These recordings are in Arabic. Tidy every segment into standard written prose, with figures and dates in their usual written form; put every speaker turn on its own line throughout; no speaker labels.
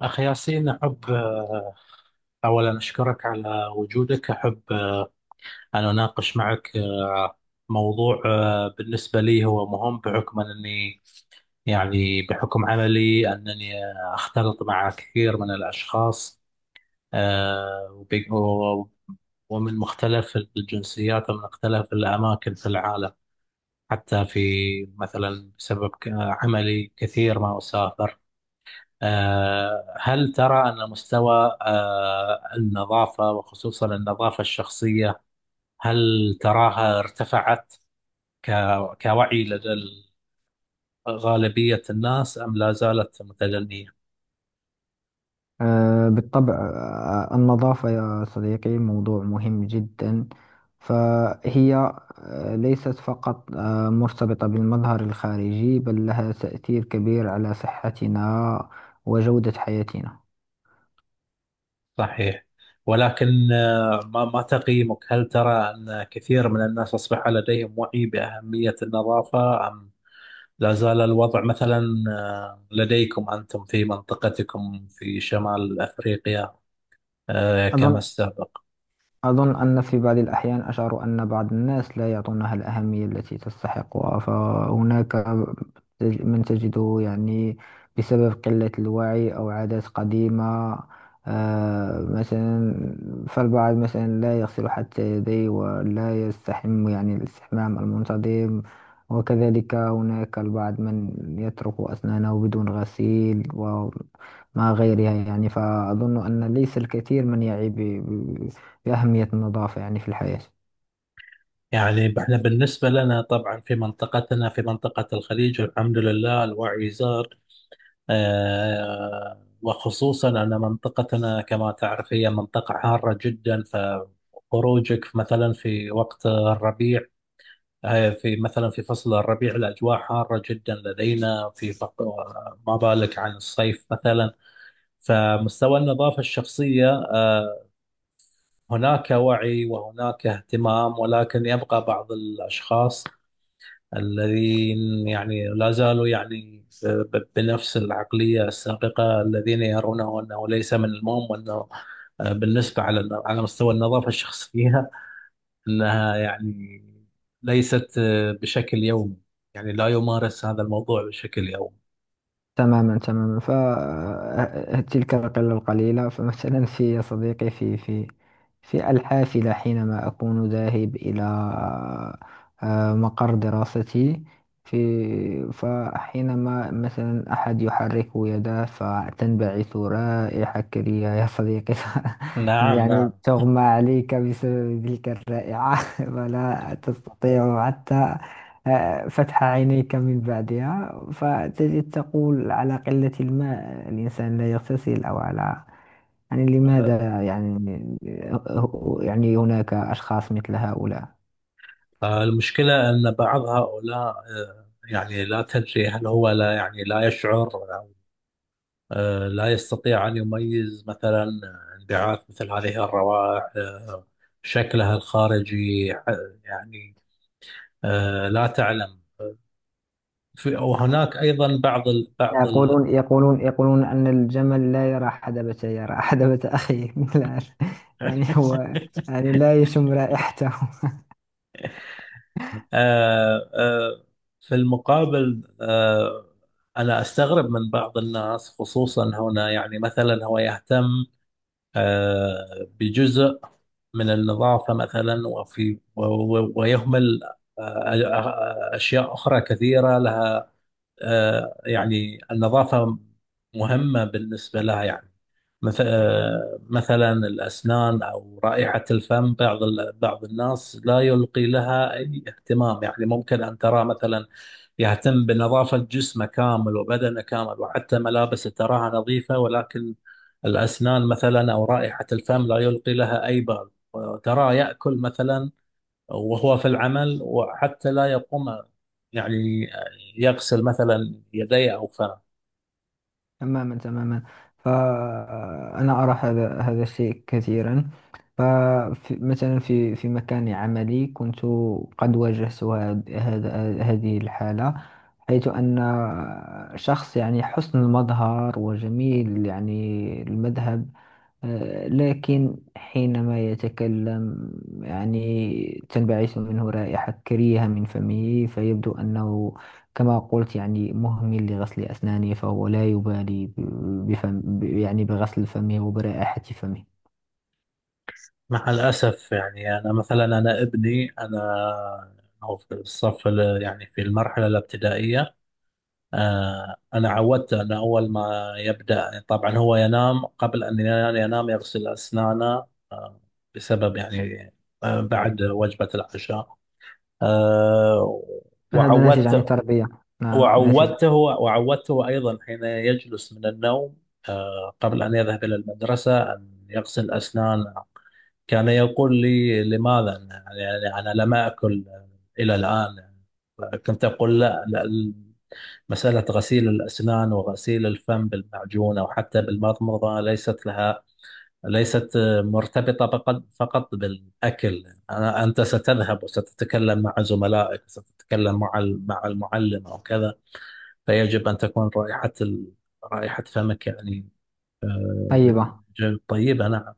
أخي ياسين، أحب أولا أشكرك على وجودك. أحب أن أناقش معك موضوع بالنسبة لي هو مهم بحكم أنني، يعني بحكم عملي، أنني أختلط مع كثير من الأشخاص، آه، وب- و- ومن مختلف الجنسيات ومن مختلف الأماكن في العالم، حتى في مثلا بسبب عملي كثير ما أسافر. هل ترى أن مستوى النظافة، وخصوصا النظافة الشخصية، هل تراها ارتفعت كوعي لدى غالبية الناس، أم لا زالت متدنية؟
بالطبع، النظافة يا صديقي موضوع مهم جدا. فهي ليست فقط مرتبطة بالمظهر الخارجي، بل لها تأثير كبير على صحتنا وجودة حياتنا.
صحيح. ولكن ما تقييمك؟ هل ترى أن كثير من الناس أصبح لديهم وعي بأهمية النظافة، أم لا زال الوضع مثلا لديكم أنتم في منطقتكم في شمال أفريقيا كما
أظن
السابق؟
أظن أن في بعض الأحيان أشعر أن بعض الناس لا يعطونها الأهمية التي تستحقها. فهناك من تجده يعني بسبب قلة الوعي أو عادات قديمة. مثلا فالبعض مثلا لا يغسل حتى يديه ولا يستحم، يعني الاستحمام المنتظم. وكذلك هناك البعض من يترك أسنانه بدون غسيل وما غيرها، يعني فأظن أن ليس الكثير من يعي أهمية النظافة يعني في الحياة.
يعني احنا بالنسبة لنا طبعا في منطقتنا، في منطقة الخليج، الحمد لله الوعي زاد، وخصوصا أن منطقتنا كما تعرف هي منطقة حارة جدا. فخروجك مثلا في وقت الربيع، في مثلا في فصل الربيع، الأجواء حارة جدا لدينا في ما بالك عن الصيف مثلا. فمستوى النظافة الشخصية هناك وعي وهناك اهتمام، ولكن يبقى بعض الأشخاص الذين يعني لا زالوا يعني بنفس العقلية السابقة، الذين يرونه أنه ليس من المهم، وأنه بالنسبة على مستوى النظافة الشخصية أنها يعني ليست بشكل يومي، يعني لا يمارس هذا الموضوع بشكل يومي.
تماما، تماما، فتلك القلة القليلة. فمثلا في يا صديقي في الحافلة حينما أكون ذاهب إلى مقر دراستي. فحينما مثلا أحد يحرك يده فتنبعث رائحة كريهة يا صديقي
نعم،
يعني
نعم.
تغمى عليك بسبب تلك الرائحة ولا تستطيع حتى فتح عينيك من بعدها. فتجد تقول على قلة الماء الإنسان لا يغتسل، أو على يعني لماذا يعني يعني هناك أشخاص مثل هؤلاء.
المشكلة أن بعض هؤلاء يعني لا تدري، هل هو لا يعني لا يشعر، لا يستطيع أن يميز مثلا انبعاث مثل هذه الروائح، شكلها الخارجي، يعني لا تعلم. وهناك أيضا بعض ال بعض ال
يقولون أن الجمل لا يرى حدبة، يرى حدبة أخيه. لا يعني هو يعني لا يشم رائحته.
آه، آه، في المقابل، أنا أستغرب من بعض الناس، خصوصا هنا، يعني مثلا هو يهتم بجزء من النظافة مثلا، ويهمل أشياء أخرى كثيرة، لها يعني النظافة مهمة بالنسبة لها، يعني مثلا الأسنان أو رائحة الفم، بعض بعض الناس لا يلقي لها أي اهتمام. يعني ممكن أن ترى مثلا يهتم بنظافة جسمه كامل وبدنه كامل، وحتى ملابسه تراها نظيفة، ولكن الأسنان مثلا أو رائحة الفم لا يلقي لها أي بال، وتراه يأكل مثلا وهو في العمل، وحتى لا يقوم يعني يغسل مثلا يديه أو فمه.
تماما، تماما، فأنا أرى هذا الشيء كثيرا. فمثلا في مكان عملي كنت قد واجهت هاد- هذا هذه الحالة، حيث أن شخص يعني حسن المظهر وجميل يعني المذهب، لكن حينما يتكلم يعني تنبعث منه رائحة كريهة من فمه. فيبدو أنه كما قلت يعني مهمل لغسل أسنانه، فهو لا يبالي يعني بغسل فمه وبرائحة فمه.
مع الأسف يعني، أنا مثلا أنا ابني، أنا هو في الصف يعني في المرحلة الابتدائية، أنا عودته أنه أول ما يبدأ، طبعا هو ينام، قبل أن ينام يغسل أسنانه، آه، بسبب يعني بعد وجبة العشاء، آه،
فهذا ناتج عن
وعودته
التربية. نعم،
أيضا حين يجلس من النوم، قبل أن يذهب إلى المدرسة، أن يغسل أسنانه. كان يقول لي: لماذا يعني، يعني أنا لم أكل إلى الآن؟ كنت أقول: لا, لا، مسألة غسيل الأسنان وغسيل الفم بالمعجون أو حتى بالمضمضة ليست مرتبطة فقط بالأكل. أنت ستذهب وستتكلم مع زملائك، وستتكلم مع مع المعلم أو كذا، فيجب أن تكون رائحة رائحة فمك يعني
طيبة.
طيبة. نعم.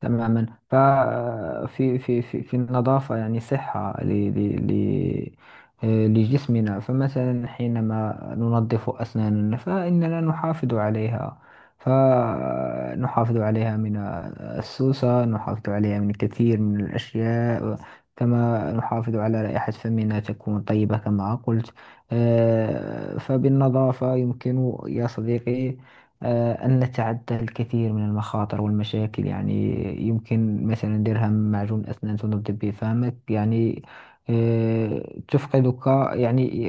تماما ففي في في في النظافة يعني صحة ل ل ل لجسمنا. فمثلا حينما ننظف أسناننا فإننا نحافظ عليها، فنحافظ عليها من السوسة، نحافظ عليها من الكثير من الأشياء، كما نحافظ على رائحة فمنا تكون طيبة كما قلت. فبالنظافة يمكن يا صديقي أن نتعدى الكثير من المخاطر والمشاكل يعني. يمكن مثلا درهم معجون أسنان تنضب به فمك يعني تفقدك يعني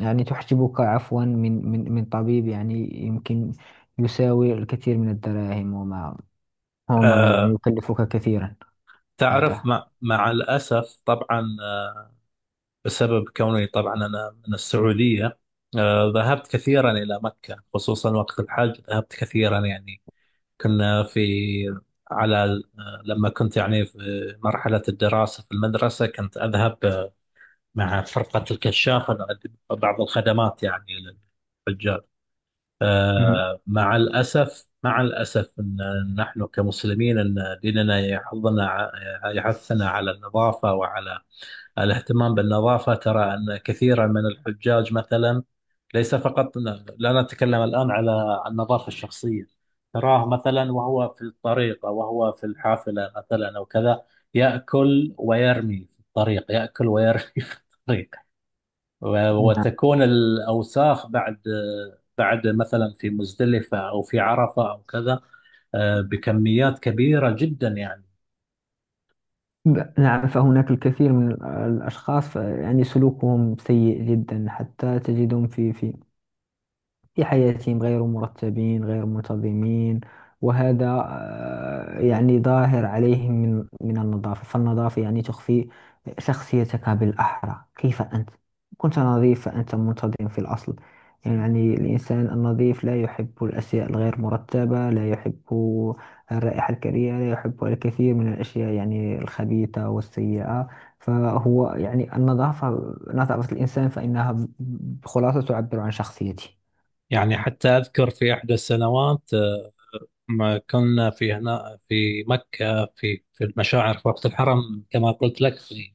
يعني تحجبك عفوا من طبيب يعني يمكن يساوي الكثير من الدراهم وما غير يعني
أه
يكلفك كثيرا
تعرف،
بعدها.
مع الأسف طبعا، بسبب كوني طبعا أنا من السعودية، ذهبت كثيرا إلى مكة، خصوصا وقت الحج، ذهبت كثيرا يعني. كنا في على لما كنت يعني في مرحلة الدراسة في المدرسة، كنت أذهب مع فرقة الكشاف نقدم بعض الخدمات يعني للحجاج.
مهم.
مع الأسف، مع الأسف، أن نحن كمسلمين، أن ديننا يحضنا يحثنا على النظافة وعلى الاهتمام بالنظافة، ترى أن كثيرا من الحجاج مثلا، ليس فقط، لا نتكلم الآن على عن النظافة الشخصية، تراه مثلا وهو في الطريق، أو وهو في الحافلة مثلا أو كذا، يأكل ويرمي في الطريق، يأكل ويرمي في الطريق،
مهم.
وتكون الأوساخ بعد مثلا في مزدلفة أو في عرفة أو كذا، بكميات كبيرة جدا يعني.
نعم، فهناك الكثير من الأشخاص يعني سلوكهم سيء جدا. حتى تجدهم في حياتهم غير مرتبين غير منتظمين، وهذا يعني ظاهر عليهم من من النظافة. فالنظافة يعني تخفي شخصيتك، بالأحرى كيف أنت. كنت نظيف فأنت منتظم في الأصل، يعني الإنسان النظيف لا يحب الأشياء الغير مرتبة، لا يحب الرائحة الكريهة، لا يحب الكثير من الأشياء يعني الخبيثة والسيئة. فهو يعني النظافة نظافة الإنسان فإنها بخلاصة تعبر عن شخصيته.
يعني حتى أذكر في إحدى السنوات، ما كنا في هنا في مكة، في المشاعر في وقت الحرم، كما قلت لك، في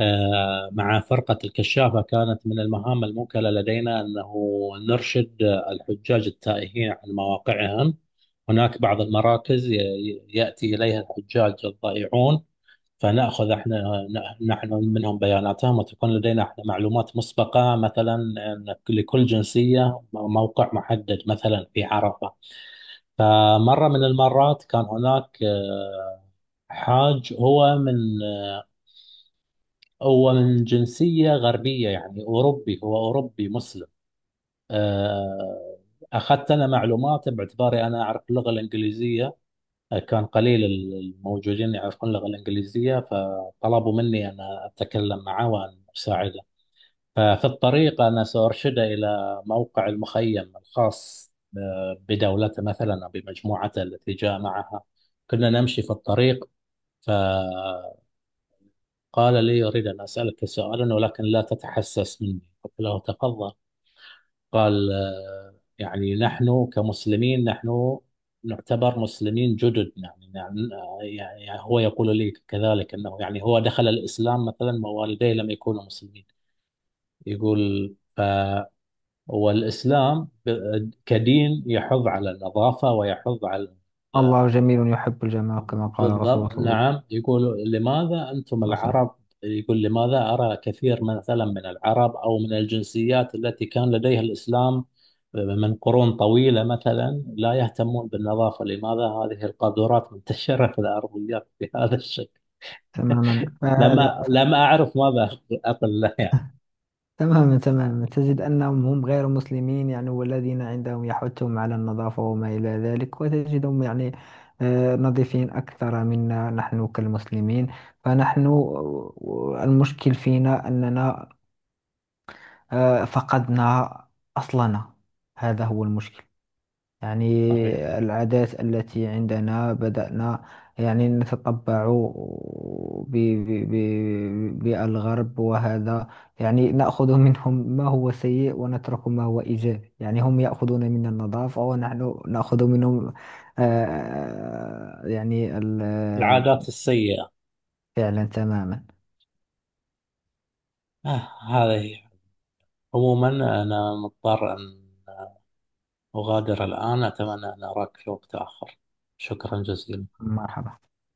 مع فرقة الكشافة، كانت من المهام الموكلة لدينا أنه نرشد الحجاج التائهين عن مواقعهم. هناك بعض المراكز يأتي إليها الحجاج الضائعون، فنأخذ احنا نحن منهم بياناتهم، وتكون لدينا احنا معلومات مسبقة، مثلا أن لكل جنسية موقع محدد مثلا في عرفة. فمرة من المرات كان هناك حاج هو من، هو من جنسية غربية، يعني أوروبي، هو أوروبي مسلم. آه، أخذت أنا معلوماته باعتباري أنا أعرف اللغة الإنجليزية، كان قليل الموجودين يعرفون اللغة الإنجليزية، فطلبوا مني أن أتكلم معه وأن أساعده. ففي الطريق أنا سأرشده إلى موقع المخيم الخاص بدولته مثلا، أو بمجموعته التي جاء معها. كنا نمشي في الطريق، فقال لي: أريد أن أسألك سؤالا ولكن لا تتحسس مني. قلت له: تفضل. قال: يعني نحن كمسلمين، نحن نعتبر مسلمين جدد، يعني هو يقول لي كذلك أنه يعني هو دخل الإسلام مثلا، ووالديه لم يكونوا مسلمين. يقول: هو الإسلام كدين يحض على النظافة ويحض على
الله جميل يحب الجمال، كما قال رسول
بالضبط،
الله صلى الله
نعم. يقول: لماذا أنتم
عليه وسلم.
العرب، يقول: لماذا أرى كثير مثلا من العرب، أو من الجنسيات التي كان لديها الإسلام من قرون طويلة مثلا، لا يهتمون بالنظافة؟ لماذا هذه القاذورات منتشرة في الأرضيات بهذا الشكل؟
تماما،
لما
فهذا ف...
لم أعرف ماذا أقول له يعني.
تماما، تماما، تجد أنهم هم غير مسلمين يعني، والذين عندهم يحثهم على النظافة وما إلى ذلك، وتجدهم يعني نظيفين أكثر منا نحن كالمسلمين. فنحن المشكل فينا أننا فقدنا أصلنا، هذا هو المشكل. يعني
صحيح.
العادات التي عندنا بدأنا يعني نتطبع بالغرب، وهذا يعني نأخذ منهم ما هو سيء ونترك ما هو إيجابي. يعني هم يأخذون منا النظافة، ونحن نأخذ منهم يعني
العادات السيئة.
فعلا تماما.
هذه عموما، أنا مضطر أن أغادر الآن. أتمنى أن أراك في وقت آخر. شكرا جزيلا.
مرحبا.